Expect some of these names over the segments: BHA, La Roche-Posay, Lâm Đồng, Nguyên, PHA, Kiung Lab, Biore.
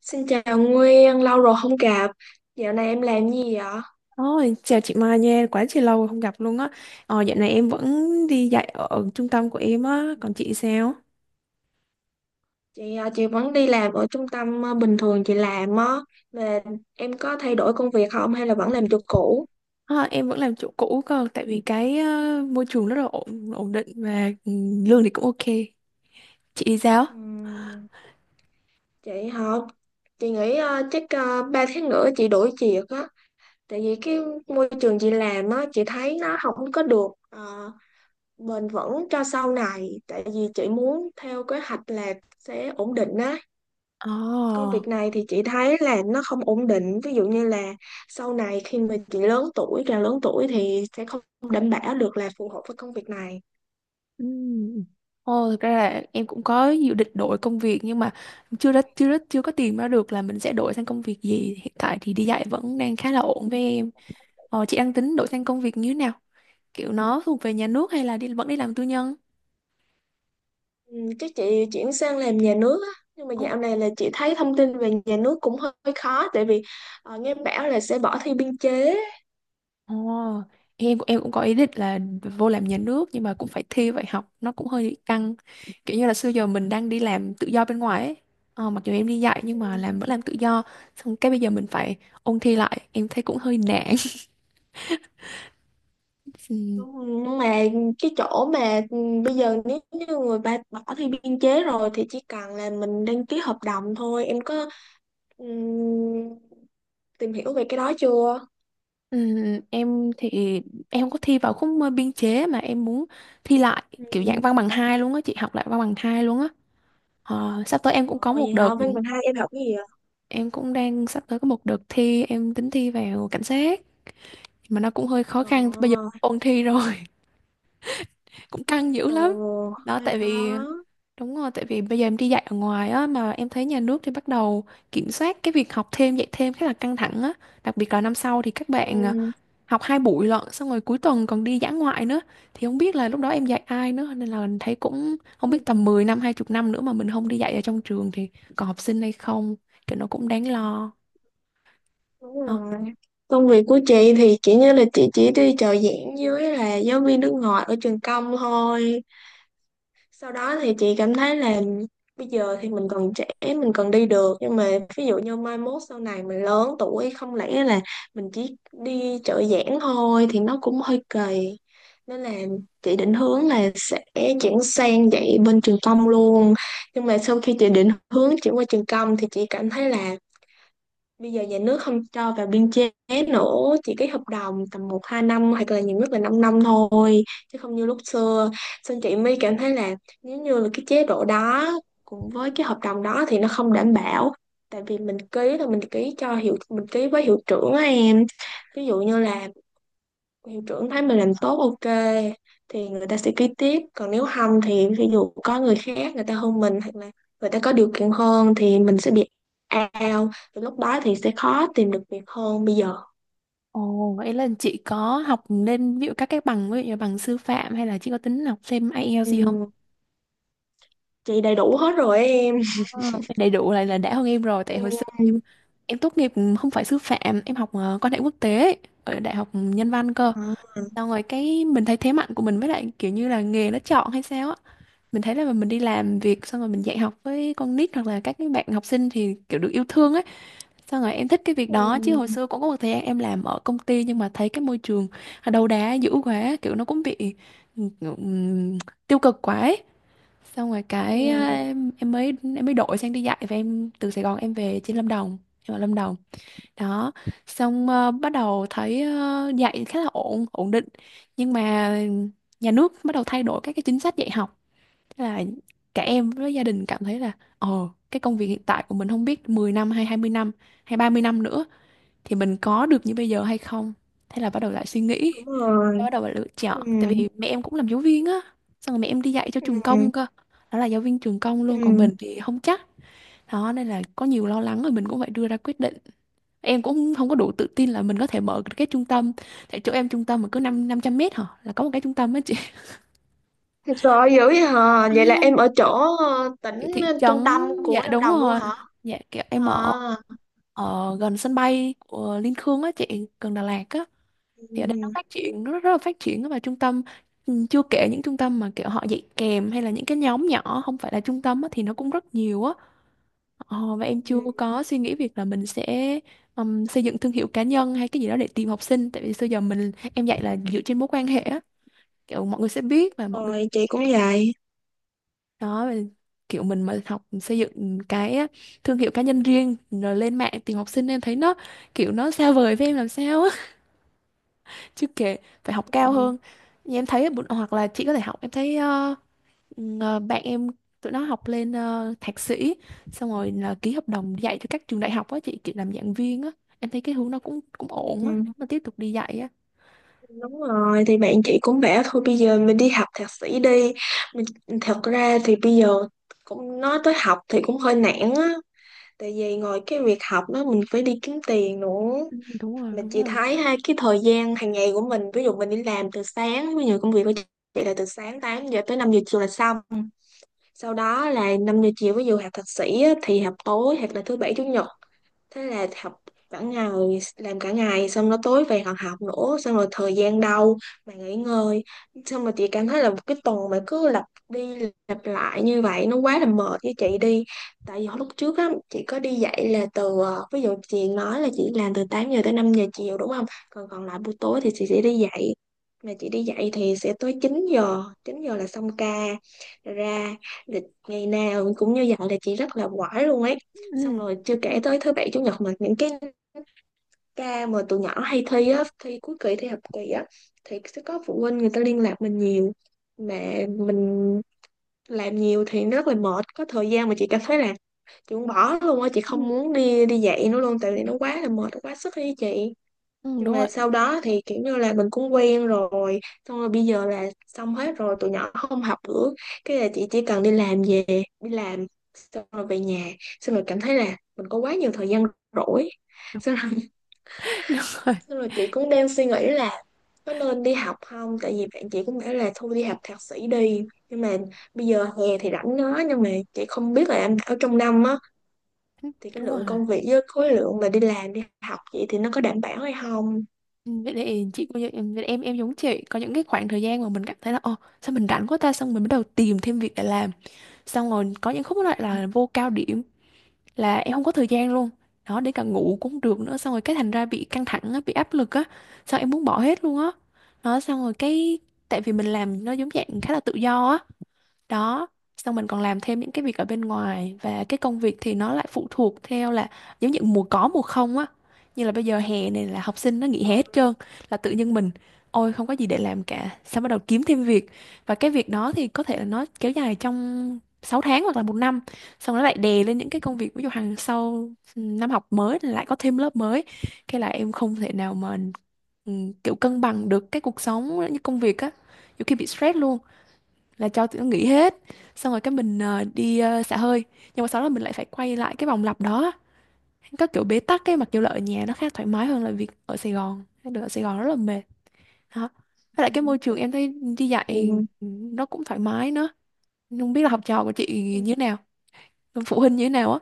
Xin chào Nguyên, lâu rồi không gặp. Dạo này em làm gì vậy? Ôi, chào chị Mai nha, quá chị lâu rồi không gặp luôn á. Dạo này em vẫn đi dạy ở trung tâm của em á, còn chị sao? Chị à, chị vẫn đi làm ở trung tâm à, bình thường chị làm á. Mà em có thay đổi công việc không hay là vẫn làm chỗ cũ? Ờ, em vẫn làm chỗ cũ cơ, tại vì cái môi trường rất là ổn, ổn định và lương thì cũng ok. Chị đi sao? Ừm, chị hả? Chị nghĩ à, chắc 3 tháng nữa chị đổi việc á. Tại vì cái môi trường chị làm á, chị thấy nó không có được à, bền vững cho sau này. Tại vì chị muốn theo kế hoạch là sẽ ổn định á. Công Ồ, việc này thì chị thấy là nó không ổn định, ví dụ như là sau này khi mà chị lớn tuổi, càng lớn tuổi thì sẽ không đảm bảo được là phù hợp với công việc này. ừ. Ồ, thực ra là em cũng có dự định đổi công việc nhưng mà chưa có tìm ra được là mình sẽ đổi sang công việc gì. Hiện tại thì đi dạy vẫn đang khá là ổn với em. Chị đang tính đổi sang công việc như thế nào? Kiểu nó thuộc về nhà nước hay là vẫn đi làm tư nhân? Ừ, chắc chị chuyển sang làm nhà nước á, nhưng mà Ồ, dạo này là chị thấy thông tin về nhà nước cũng hơi hơi khó, tại vì nghe bảo là sẽ bỏ thi biên chế. ồ, em cũng có ý định là vô làm nhà nước nhưng mà cũng phải thi vậy học nó cũng hơi căng, kiểu như là xưa giờ mình đang đi làm tự do bên ngoài ấy. Mặc dù em đi dạy Ừ, nhưng mà vẫn làm tự do, xong cái bây giờ mình phải ôn thi lại em thấy cũng hơi nản. Ừ. Nhưng mà cái chỗ mà bây giờ nếu như người ta bỏ thi biên chế rồi thì chỉ cần là mình đăng ký hợp đồng thôi, em có ừ, tìm hiểu về cái đó chưa? Ừ, em thì em không có thi vào khúc biên chế, mà em muốn thi lại Ừ. kiểu dạng văn bằng hai luôn á chị, học lại văn bằng hai luôn á. Sắp tới em cũng Ồ, có vậy một hả? đợt Văn bằng hai em học cái gì vậy? em cũng đang sắp tới có một đợt thi, em tính thi vào cảnh sát, mà nó cũng hơi khó khăn, bây giờ Ồ, ôn thi rồi. Cũng căng dữ lắm ồ, đó. hơi Tại vì khó. Đúng rồi, tại vì bây giờ em đi dạy ở ngoài á, mà em thấy nhà nước thì bắt đầu kiểm soát cái việc học thêm dạy thêm khá là căng thẳng á. Đặc biệt là năm sau thì các Ừ, bạn học hai buổi lận, xong rồi cuối tuần còn đi dã ngoại nữa, thì không biết là lúc đó em dạy ai nữa, nên là thấy cũng không biết ừ, tầm 10 năm 20 năm nữa mà mình không đi dạy ở trong trường thì còn học sinh hay không. Kiểu nó cũng đáng lo. đúng rồi. Công việc của chị thì chỉ như là chị chỉ đi trợ giảng với là giáo viên nước ngoài ở trường công thôi. Sau đó thì chị cảm thấy là bây giờ thì mình còn trẻ, mình còn đi được, nhưng mà ví dụ như mai mốt sau này mình lớn tuổi, không lẽ là mình chỉ đi trợ giảng thôi thì nó cũng hơi kỳ, nên là chị định hướng là sẽ chuyển sang dạy bên trường công luôn. Nhưng mà sau khi chị định hướng chuyển qua trường công thì chị cảm thấy là bây giờ nhà nước không cho vào biên chế nữa, chỉ cái hợp đồng tầm một hai năm, hoặc là nhiều nhất là 5 năm thôi, chứ không như lúc xưa. Xong chị mới cảm thấy là nếu như là cái chế độ đó cùng với cái hợp đồng đó thì nó không đảm bảo, tại vì mình ký là mình ký cho hiệu, mình ký với hiệu trưởng á em. Ví dụ như là hiệu trưởng thấy mình làm tốt, ok thì người ta sẽ ký tiếp, còn nếu không thì ví dụ có người khác người ta hơn mình, hoặc là người ta có điều kiện hơn thì mình sẽ bị out, thì lúc đó thì sẽ khó tìm được việc hơn bây giờ. Ồ, vậy là chị có học lên ví dụ các cái bằng, ví dụ như bằng sư phạm, hay là chị có tính học thêm IELTS gì không? Ừm, chị đầy đủ hết rồi em. Ờ, Đầy đủ lại là đã hơn em rồi, tại hồi xưa em Ừm, em tốt nghiệp không phải sư phạm, em học quan hệ quốc tế ấy, ở đại học nhân văn cơ. à, Xong rồi cái mình thấy thế mạnh của mình, với lại kiểu như là nghề nó chọn hay sao á, mình thấy là mình đi làm việc xong rồi mình dạy học với con nít hoặc là các cái bạn học sinh thì kiểu được yêu thương ấy. Xong rồi em thích cái việc đó, chứ hồi ừm, xưa cũng có một thời gian em làm ở công ty, nhưng mà thấy cái môi trường đầu đá dữ quá, kiểu nó cũng bị ừm, tiêu cực quá ấy. Xong rồi cái à, ừm, em, em mới em mới đổi sang đi dạy, và em từ Sài Gòn em về trên Lâm Đồng, em ở Lâm Đồng đó. Xong bắt đầu thấy dạy khá là ổn, ổn định, nhưng mà nhà nước bắt đầu thay đổi các cái chính sách dạy học. Thế là cả em với gia đình cảm thấy là ồ, cái công việc hiện tại của mình không biết 10 năm hay 20 năm hay 30 năm nữa thì mình có được như bây giờ hay không. Thế là bắt đầu lại suy nghĩ, đúng rồi. bắt đầu lại lựa chọn. Tại Ừm, vì mẹ em cũng làm giáo viên á, xong rồi mẹ em đi dạy cho trường ừm, công cơ, đó là giáo viên trường công luôn, còn ừm. mình thì không chắc. Đó nên là có nhiều lo lắng, rồi mình cũng phải đưa ra quyết định. Em cũng không có đủ tự tin là mình có thể mở được cái trung tâm, tại chỗ em trung tâm mà cứ năm 500 mét hả là có một cái trung tâm á chị. Thật sự dữ vậy hả, À, vậy là em ở chỗ tỉnh kiểu thị trấn, trung tâm của dạ Lâm đúng Đồng luôn rồi, hả? dạ kiểu em À, ở ở gần sân bay của Liên Khương á chị, gần Đà Lạt á. Thì ở đây nó ừm. phát triển, nó rất, rất là phát triển á, và trung tâm, chưa kể những trung tâm mà kiểu họ dạy kèm, hay là những cái nhóm nhỏ không phải là trung tâm á, thì nó cũng rất nhiều á. Và em chưa Ừ. có suy nghĩ việc là mình sẽ xây dựng thương hiệu cá nhân hay cái gì đó để tìm học sinh, tại vì xưa giờ em dạy là dựa trên mối quan hệ á, kiểu mọi người sẽ biết và mọi người, Rồi chị cũng vậy. đó, và kiểu mình mà học xây dựng cái thương hiệu cá nhân riêng rồi lên mạng tìm học sinh, em thấy nó kiểu nó xa vời với em làm sao á. Chứ kể phải học cao Ừ. hơn. Như em thấy hoặc là chị có thể học, em thấy bạn em tụi nó học lên thạc sĩ, xong rồi là ký hợp đồng dạy cho các trường đại học á chị, kiểu làm giảng viên á. Em thấy cái hướng nó cũng cũng ổn á, Ừ. nếu mà tiếp tục đi dạy á. Đúng rồi, thì bạn chị cũng bảo thôi bây giờ mình đi học thạc sĩ đi, mình thật ra thì bây giờ cũng nói tới học thì cũng hơi nản á, tại vì ngoài cái việc học đó mình phải đi kiếm tiền nữa, Ừ, đúng rồi, mà đúng chị rồi. thấy ha, cái thời gian hàng ngày của mình, ví dụ mình đi làm từ sáng, ví dụ công việc của chị là từ sáng 8 giờ tới 5 giờ chiều là xong. Sau đó là 5 giờ chiều ví dụ học thạc sĩ á, thì học tối hoặc là thứ bảy chủ nhật, thế là học cả ngày, làm cả ngày xong nó tối về còn học nữa, xong rồi thời gian đâu mà nghỉ ngơi. Xong rồi chị cảm thấy là một cái tuần mà cứ lặp đi lặp lại như vậy nó quá là mệt với chị đi. Tại vì hồi lúc trước á chị có đi dạy là từ ví dụ chị nói là chị làm từ 8 giờ tới 5 giờ chiều đúng không, còn còn lại buổi tối thì chị sẽ đi dạy, mà chị đi dạy thì sẽ tới 9 giờ, 9 giờ là xong ca. Rồi ra. Thì ngày nào cũng như vậy là chị rất là quải luôn ấy. Ừ, Xong rồi chưa đúng rồi. kể tới thứ bảy chủ nhật mà những cái ca mà tụi nhỏ hay thi á, thi cuối kỳ, thi học kỳ á, thì sẽ có phụ huynh người ta liên lạc mình nhiều, mà mình làm nhiều thì nó rất là mệt, có thời gian mà chị cảm thấy là chị muốn bỏ luôn á, chị Ừ, không muốn đi đi dạy nữa luôn, tại ừ, vì nó quá là mệt, nó quá sức đi chị. đúng Nhưng mà rồi. sau đó thì kiểu như là mình cũng quen rồi, xong rồi bây giờ là xong hết rồi tụi nhỏ không học nữa, cái là chị chỉ cần đi làm về, đi làm xong rồi về nhà, xong rồi cảm thấy là mình có quá nhiều thời gian rỗi. Xong rồi, Đúng rồi, xong rồi chị cũng đang suy nghĩ là có nên đi học không, tại vì bạn chị cũng bảo là thôi đi học thạc sĩ đi, nhưng mà bây giờ hè thì rảnh nó, nhưng mà chị không biết là em ở trong năm á, thì cái đúng lượng rồi. công việc với khối lượng mà đi làm đi học vậy thì nó có đảm bảo hay không. Ừ, vậy thì chị cũng như em, em giống chị, có những cái khoảng thời gian mà mình cảm thấy là ồ, sao mình rảnh quá ta, xong mình bắt đầu tìm thêm việc để làm. Xong rồi có những khúc lại là vô cao điểm, là em không có thời gian luôn, đó, để cả ngủ cũng không được nữa, xong rồi cái thành ra bị căng thẳng á, bị áp lực á, xong em muốn bỏ hết luôn á. Đó, xong rồi cái tại vì mình làm nó giống dạng khá là tự do á. Đó, xong mình còn làm thêm những cái việc ở bên ngoài, và cái công việc thì nó lại phụ thuộc theo là giống như mùa có mùa không á, như là bây giờ hè này là học sinh nó nghỉ hè hết trơn, là tự nhiên mình ôi không có gì để làm cả, xong bắt đầu kiếm thêm việc. Và cái việc đó thì có thể là nó kéo dài trong 6 tháng hoặc là một năm, xong nó lại đè lên những cái công việc ví dụ hàng sau. Năm học mới thì lại có thêm lớp mới, cái là em không thể nào mà ừ, kiểu cân bằng được cái cuộc sống như công việc á. Nhiều khi bị stress luôn, là cho tụi nó nghỉ hết, xong rồi cái mình đi xả hơi, nhưng mà sau đó mình lại phải quay lại cái vòng lặp đó, có kiểu bế tắc ấy. Mặc dù là ở nhà nó khá thoải mái hơn là việc ở Sài Gòn, được, ở Sài Gòn rất là mệt đó. Với lại cái môi trường em thấy đi dạy Ừ. nó cũng thoải mái nữa. Nhưng không biết là học trò của chị như thế nào, phụ huynh như thế nào á,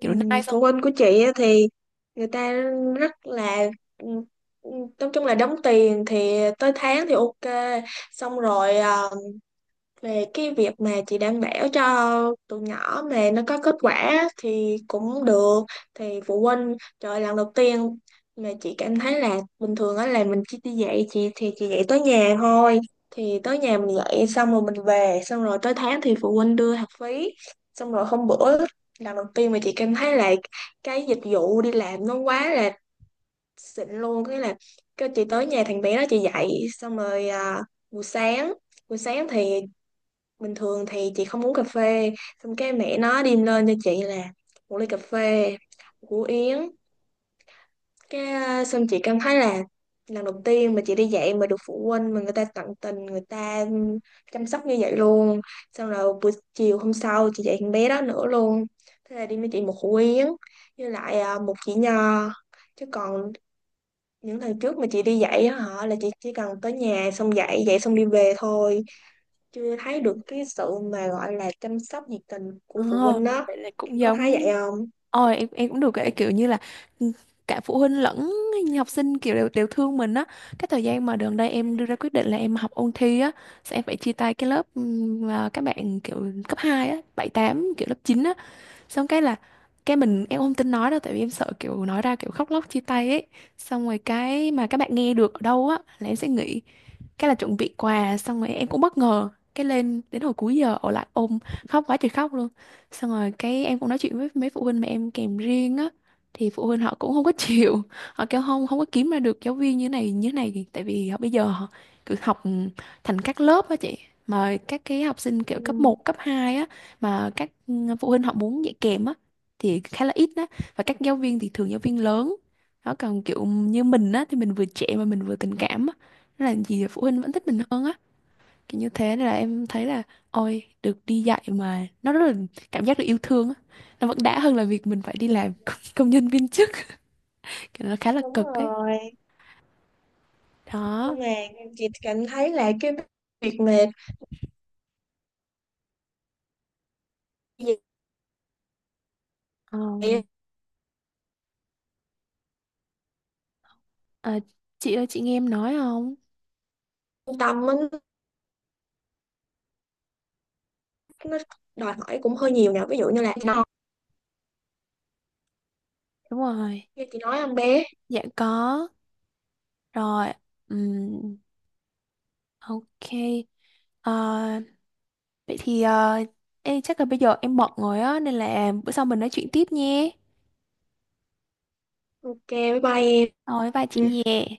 kiểu nice không. phụ huynh của chị á thì người ta rất là ừm, ừm, nói chung là đóng tiền thì tới tháng thì ok. Xong rồi về cái việc mà chị đảm bảo cho tụi nhỏ mà nó có kết quả thì cũng được, thì phụ huynh, trời ơi, lần đầu tiên mà chị cảm thấy là bình thường á là mình chỉ đi dạy, chị thì chị dạy tới nhà thôi, thì tới nhà mình dạy xong rồi mình về, xong rồi tới tháng thì phụ huynh đưa học phí. Xong rồi hôm bữa, lần đầu tiên mà chị cảm thấy là cái dịch vụ đi làm nó quá là xịn luôn, cái là cái chị tới nhà thằng bé đó chị dạy xong rồi buổi sáng, buổi sáng thì bình thường thì chị không uống cà phê, xong cái mẹ nó đem lên cho chị là một ly cà phê, một củ yến, cái xong chị cảm thấy là lần đầu tiên mà chị đi dạy mà được phụ huynh mà người ta tận tình người ta chăm sóc như vậy luôn. Xong rồi buổi chiều hôm sau chị dạy con bé đó nữa luôn, thế là đi với chị một củ yến với lại một chỉ nho, chứ còn những lần trước mà chị đi dạy á hả là chị chỉ cần tới nhà xong dạy dạy xong đi về thôi, chưa thấy được cái sự mà gọi là chăm sóc nhiệt tình của phụ Ồ, huynh đó, vậy là em cũng có thấy giống. vậy không? Ôi, em cũng được cái kiểu như là, ừ, cả phụ huynh lẫn học sinh kiểu đều đều thương mình á. Cái thời gian mà gần đây em đưa ra quyết định là em học ôn thi á, sẽ phải chia tay cái lớp mà các bạn kiểu cấp 2 á, 7 tám, kiểu lớp 9 á, xong cái là cái em không tin nói đâu, tại vì em sợ kiểu nói ra kiểu khóc lóc chia tay ấy. Xong rồi cái mà các bạn nghe được ở đâu á là em sẽ nghỉ, cái là chuẩn bị quà, xong rồi em cũng bất ngờ, cái lên đến hồi cuối giờ ở lại ôm khóc quá trời khóc luôn. Xong rồi cái em cũng nói chuyện với mấy phụ huynh mà em kèm riêng á, thì phụ huynh họ cũng không có chịu. Họ kêu không không có kiếm ra được giáo viên như này như này, tại vì họ bây giờ họ cứ học thành các lớp á chị. Mà các cái học sinh kiểu cấp Ừ, một cấp 2 á, mà các phụ huynh họ muốn dạy kèm á thì khá là ít đó. Và các giáo viên thì thường giáo viên lớn đó, còn kiểu như mình á thì mình vừa trẻ mà mình vừa tình cảm á, nên là gì phụ huynh vẫn thích mình hơn á, kiểu như thế. Nên là em thấy là ôi được đi dạy mà nó rất là cảm giác được yêu thương á, nó vẫn đã hơn là việc mình phải đi làm công công nhân viên chức, kiểu nó khá là đúng cực ấy. rồi, Đó. nhưng mà chị cảm thấy là cái việc mà Ờm, dạy à, chị ơi, chị nghe em nói không? trung tâm á, nó đòi hỏi cũng hơi nhiều nè, ví dụ như là nó Đúng rồi, như chị nói em bé. dạ có rồi. Ừm, ok. Ờ, Vậy thì chắc là bây giờ em bận rồi á, nên là bữa sau mình nói chuyện tiếp nhé. Ok, bye bye Rồi, bye chị em. nhé.